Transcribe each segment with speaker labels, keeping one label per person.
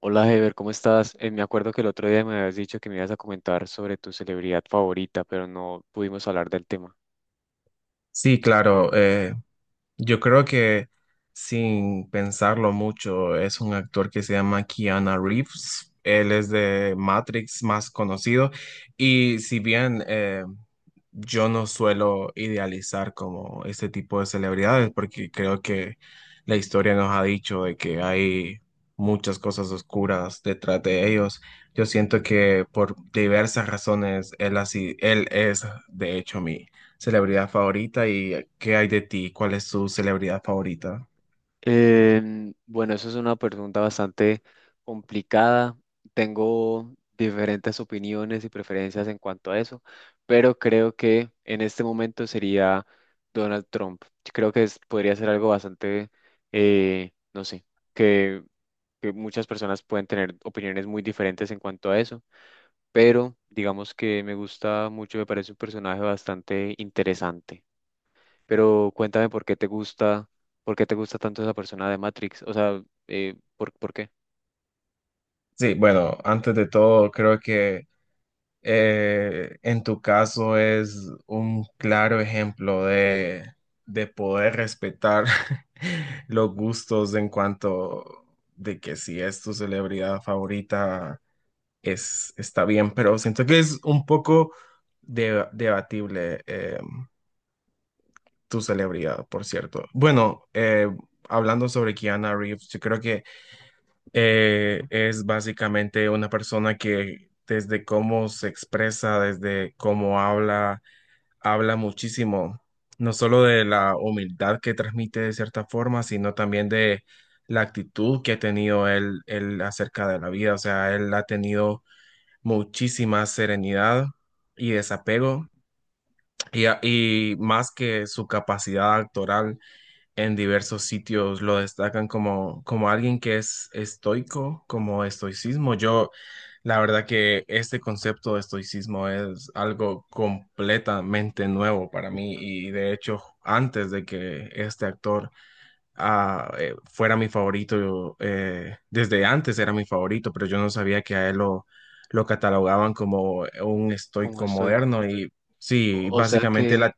Speaker 1: Hola Heber, ¿cómo estás? Me acuerdo que el otro día me habías dicho que me ibas a comentar sobre tu celebridad favorita, pero no pudimos hablar del tema.
Speaker 2: Sí, claro. Yo creo que sin pensarlo mucho, es un actor que se llama Keanu Reeves. Él es de Matrix más conocido. Y si bien yo no suelo idealizar como este tipo de celebridades, porque creo que la historia nos ha dicho de que hay muchas cosas oscuras detrás de ellos. Yo siento que por diversas razones él es de hecho mi celebridad favorita. ¿Y qué hay de ti? ¿Cuál es tu celebridad favorita?
Speaker 1: Bueno, eso es una pregunta bastante complicada. Tengo diferentes opiniones y preferencias en cuanto a eso, pero creo que en este momento sería Donald Trump. Creo que podría ser algo bastante, no sé, que que muchas personas pueden tener opiniones muy diferentes en cuanto a eso, pero digamos que me gusta mucho, me parece un personaje bastante interesante. Pero cuéntame por qué te gusta, por qué te gusta tanto esa persona de Matrix, o sea, por qué?
Speaker 2: Sí, bueno, antes de todo, creo que en tu caso es un claro ejemplo de poder respetar los gustos en cuanto de que si es tu celebridad favorita, está bien, pero siento que es un poco debatible. Tu celebridad, por cierto. Bueno, hablando sobre Keanu Reeves, yo creo que es básicamente una persona que desde cómo se expresa, desde cómo habla, habla muchísimo, no solo de la humildad que transmite de cierta forma, sino también de la actitud que ha tenido él acerca de la vida. O sea, él ha tenido muchísima serenidad y desapego. Y más que su capacidad actoral, en diversos sitios lo destacan como alguien que es estoico, como estoicismo. Yo, la verdad que este concepto de estoicismo es algo completamente nuevo para mí, y de hecho antes de que este actor fuera mi favorito, yo, desde antes era mi favorito, pero yo no sabía que a él lo catalogaban como un
Speaker 1: Como
Speaker 2: estoico
Speaker 1: estoico.
Speaker 2: moderno y sí,
Speaker 1: O sea
Speaker 2: básicamente
Speaker 1: que,
Speaker 2: la.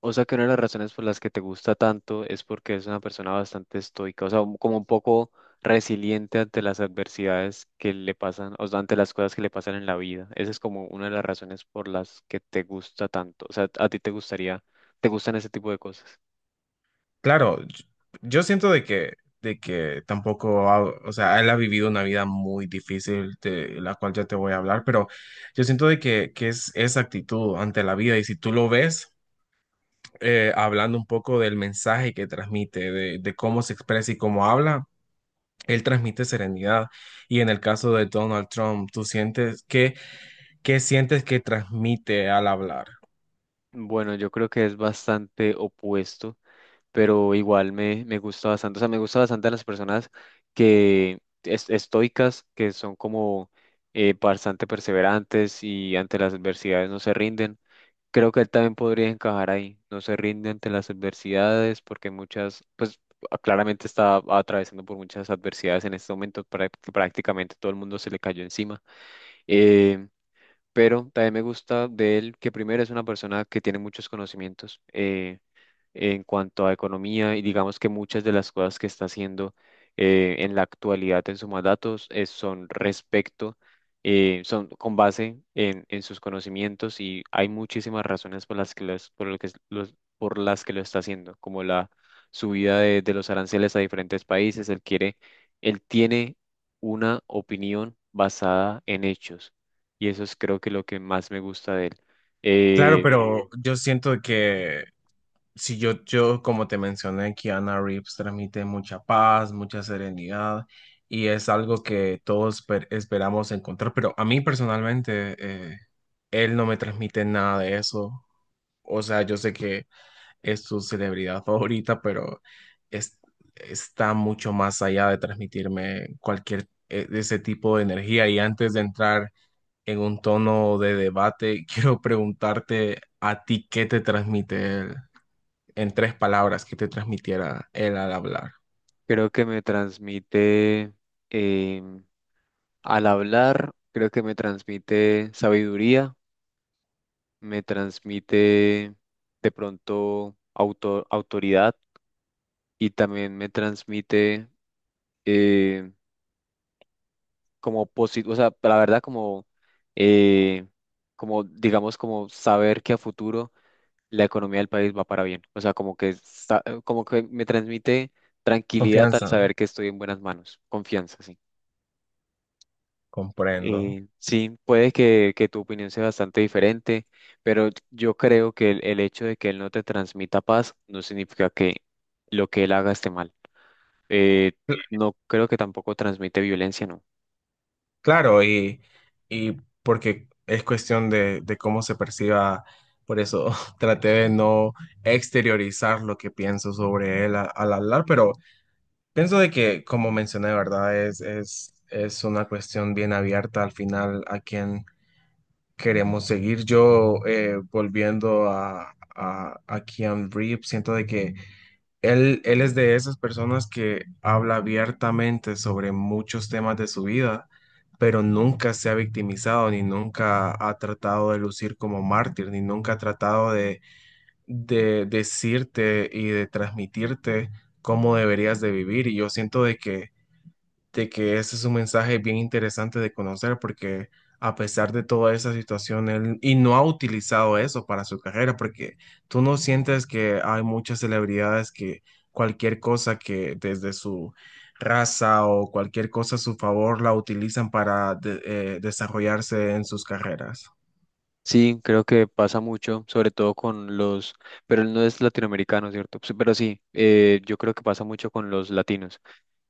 Speaker 1: o sea que una de las razones por las que te gusta tanto es porque es una persona bastante estoica, o sea, como un poco resiliente ante las adversidades que le pasan, o sea, ante las cosas que le pasan en la vida. Esa es como una de las razones por las que te gusta tanto. O sea, a ti te gustaría, te gustan ese tipo de cosas.
Speaker 2: Claro, yo siento de que tampoco, o sea, él ha vivido una vida muy difícil, de la cual ya te voy a hablar, pero yo siento que es esa actitud ante la vida. Y si tú lo ves, hablando un poco del mensaje que transmite, de, cómo se expresa y cómo habla, él transmite serenidad. Y en el caso de Donald Trump, ¿tú sientes que...? ¿Qué sientes que transmite al hablar?
Speaker 1: Bueno, yo creo que es bastante opuesto, pero igual me gusta bastante. O sea, me gusta bastante las personas que estoicas, que son como bastante perseverantes y ante las adversidades no se rinden. Creo que él también podría encajar ahí. No se rinde ante las adversidades porque muchas, pues claramente está atravesando por muchas adversidades en este momento, que prácticamente todo el mundo se le cayó encima. Eh, pero también me gusta de él que primero es una persona que tiene muchos conocimientos. En cuanto a economía y digamos que muchas de las cosas que está haciendo en la actualidad en su mandato son respecto, son con base en sus conocimientos y hay muchísimas razones por las por lo que por las que lo está haciendo, como la subida de los aranceles a diferentes países, él quiere, él tiene una opinión basada en hechos y eso es creo que lo que más me gusta de él.
Speaker 2: Claro,
Speaker 1: Eh,
Speaker 2: pero yo siento que Si yo, yo, como te mencioné, Keanu Reeves transmite mucha paz, mucha serenidad, y es algo que todos esperamos encontrar, pero a mí personalmente, eh, él no me transmite nada de eso. O sea, yo sé que es su celebridad favorita, pero es- está mucho más allá de transmitirme cualquier de ese tipo de energía. Y antes de entrar en un tono de debate, quiero preguntarte a ti qué te transmite él en tres palabras que te transmitiera él al hablar.
Speaker 1: Creo que me transmite, em, al hablar, creo que me transmite sabiduría, me transmite de pronto autoridad y también me transmite eh, como positivo, o sea, la verdad como, eh, como digamos como saber que a futuro la economía del país va para bien, o sea, como como que me transmite tranquilidad al
Speaker 2: Confianza,
Speaker 1: saber que estoy en buenas manos, confianza, sí.
Speaker 2: comprendo.
Speaker 1: Sí, puede que tu opinión sea bastante diferente, pero yo creo que el hecho de que él no te transmita paz no significa que lo que él haga esté mal. Eh, no creo que tampoco transmite violencia, ¿no?
Speaker 2: Claro, y porque es cuestión de, cómo se perciba, por eso traté de no exteriorizar lo que pienso sobre él al hablar, pero pienso de que, como mencioné, ¿verdad? Es una cuestión bien abierta al final a quién queremos seguir. Yo, volviendo a Keanu Reeves, siento de que él es de esas personas que habla abiertamente sobre muchos temas de su vida, pero nunca se ha victimizado, ni nunca ha tratado de lucir como mártir, ni nunca ha tratado de decirte y de transmitirte cómo deberías de vivir. Y yo siento de que ese es un mensaje bien interesante de conocer, porque a pesar de toda esa situación, él y no ha utilizado eso para su carrera. Porque, ¿tú no sientes que hay muchas celebridades que cualquier cosa que desde su raza o cualquier cosa a su favor la utilizan para desarrollarse en sus carreras?
Speaker 1: Sí, creo que pasa mucho, sobre todo con los, pero él no es latinoamericano, ¿cierto? Sí, pero sí, yo creo que pasa mucho con los latinos,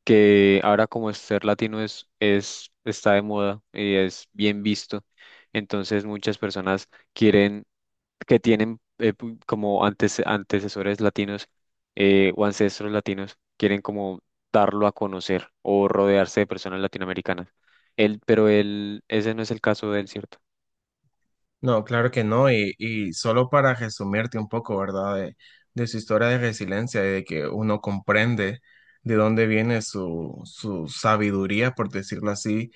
Speaker 1: que ahora como ser latino es, está de moda y es bien visto, entonces muchas personas quieren que tienen como antes, antecesores latinos o ancestros latinos, quieren como darlo a conocer o rodearse de personas latinoamericanas. Pero él, ese no es el caso de él, ¿cierto?
Speaker 2: No, claro que no, y solo para resumirte un poco, ¿verdad? De su historia de resiliencia y de que uno comprende de dónde viene su sabiduría, por decirlo así.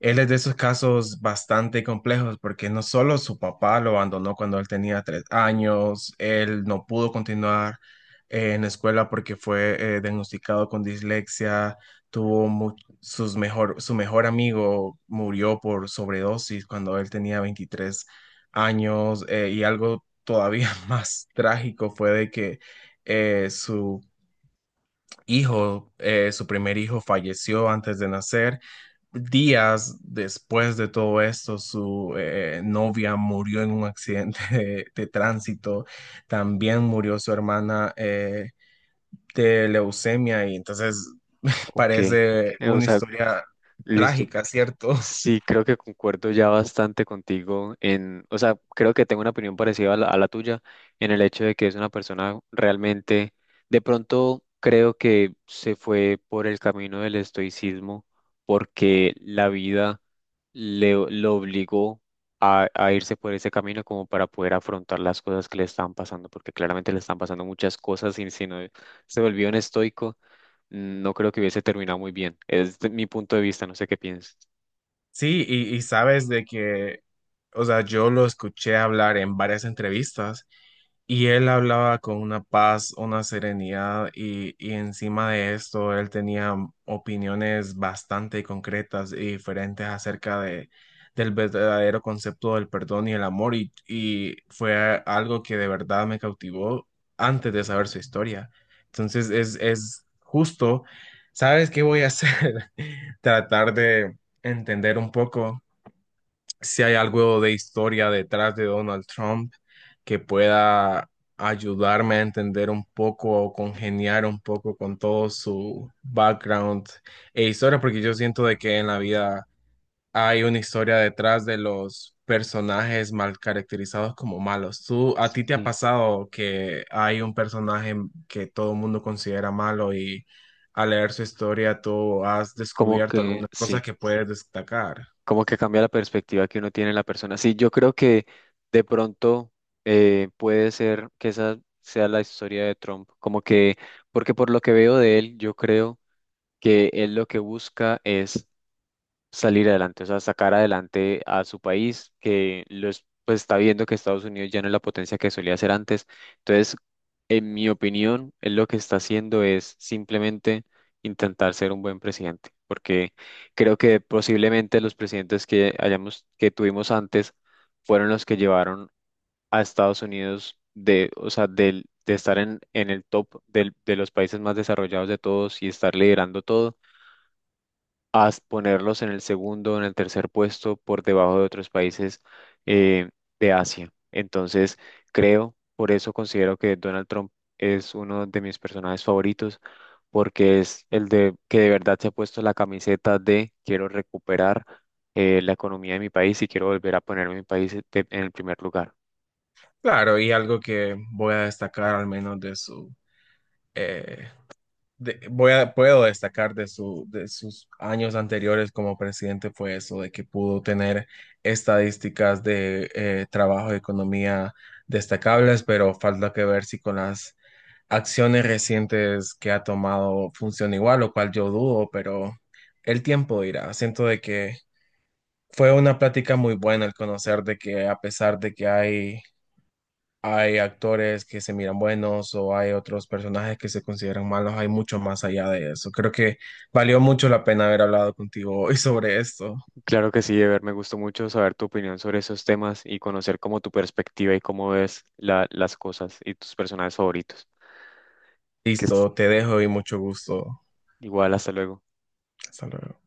Speaker 2: Él es de esos casos bastante complejos porque no solo su papá lo abandonó cuando él tenía 3 años, él no pudo continuar en la escuela porque fue diagnosticado con dislexia, tuvo mu- su mejor amigo murió por sobredosis cuando él tenía 23 años, y algo todavía más trágico fue de que eh, su su primer hijo falleció antes de nacer. Días después de todo esto, su novia murió en un accidente de tránsito. También murió su hermana de leucemia y entonces
Speaker 1: Ok.
Speaker 2: parece
Speaker 1: O
Speaker 2: una
Speaker 1: sea,
Speaker 2: historia
Speaker 1: listo.
Speaker 2: trágica, ¿cierto?
Speaker 1: Sí, creo que concuerdo ya bastante contigo en, o sea, creo que tengo una opinión parecida a a la tuya en el hecho de que es una persona realmente, de pronto creo que se fue por el camino del estoicismo porque la vida lo obligó a irse por ese camino como para poder afrontar las cosas que le estaban pasando, porque claramente le están pasando muchas cosas y si no se volvió un estoico, no creo que hubiese terminado muy bien. Es mi punto de vista, no sé qué piensas.
Speaker 2: Sí, y sabes de que, o sea, yo lo escuché hablar en varias entrevistas y él hablaba con una paz, una serenidad, y encima de esto él tenía opiniones bastante concretas y diferentes acerca del verdadero concepto del perdón y el amor, y fue algo que de verdad me cautivó antes de saber su historia. Entonces es justo. ¿Sabes qué voy a hacer? Tratar de entender un poco si hay algo de historia detrás de Donald Trump que pueda ayudarme a entender un poco o congeniar un poco con todo su background e historia, porque yo siento de que en la vida hay una historia detrás de los personajes mal caracterizados como malos. ¿A ti te ha
Speaker 1: Sí,
Speaker 2: pasado que hay un personaje que todo el mundo considera malo y al leer su historia tú has descubierto algunas cosas
Speaker 1: sí,
Speaker 2: que puedes destacar?
Speaker 1: como que cambia la perspectiva que uno tiene en la persona. Sí, yo creo que de pronto puede ser que esa sea la historia de Trump, como que, porque por lo que veo de él, yo creo que él lo que busca es salir adelante, o sea, sacar adelante a su país, que los, pues está viendo que Estados Unidos ya no es la potencia que solía ser antes. Entonces, en mi opinión, él lo que está haciendo es simplemente intentar ser un buen presidente, porque creo que posiblemente los presidentes que hayamos, que tuvimos antes fueron los que llevaron a Estados Unidos de, o sea, de estar en el top de los países más desarrollados de todos y estar liderando todo a ponerlos en el segundo, en el tercer puesto, por debajo de otros países eh, de Asia. Entonces, creo, por eso considero que Donald Trump es uno de mis personajes favoritos, porque es el de que de verdad se ha puesto la camiseta de quiero recuperar la economía de mi país y quiero volver a poner mi país en el primer lugar.
Speaker 2: Claro, y algo que voy a destacar al menos de su, eh, de- voy a, puedo destacar de sus años anteriores como presidente fue eso, de que pudo tener estadísticas de trabajo y economía destacables, pero falta que ver si con las acciones recientes que ha tomado funciona igual, lo cual yo dudo, pero el tiempo dirá. Siento de que fue una plática muy buena el conocer de que a pesar de que hay actores que se miran buenos o hay otros personajes que se consideran malos, hay mucho más allá de eso. Creo que valió mucho la pena haber hablado contigo hoy sobre esto.
Speaker 1: Claro que sí, Ever, me gustó mucho saber tu opinión sobre esos temas y conocer como tu perspectiva y cómo ves las cosas y tus personajes favoritos. Que estés
Speaker 2: Listo, te dejo y mucho gusto.
Speaker 1: Igual, hasta luego.
Speaker 2: Hasta luego.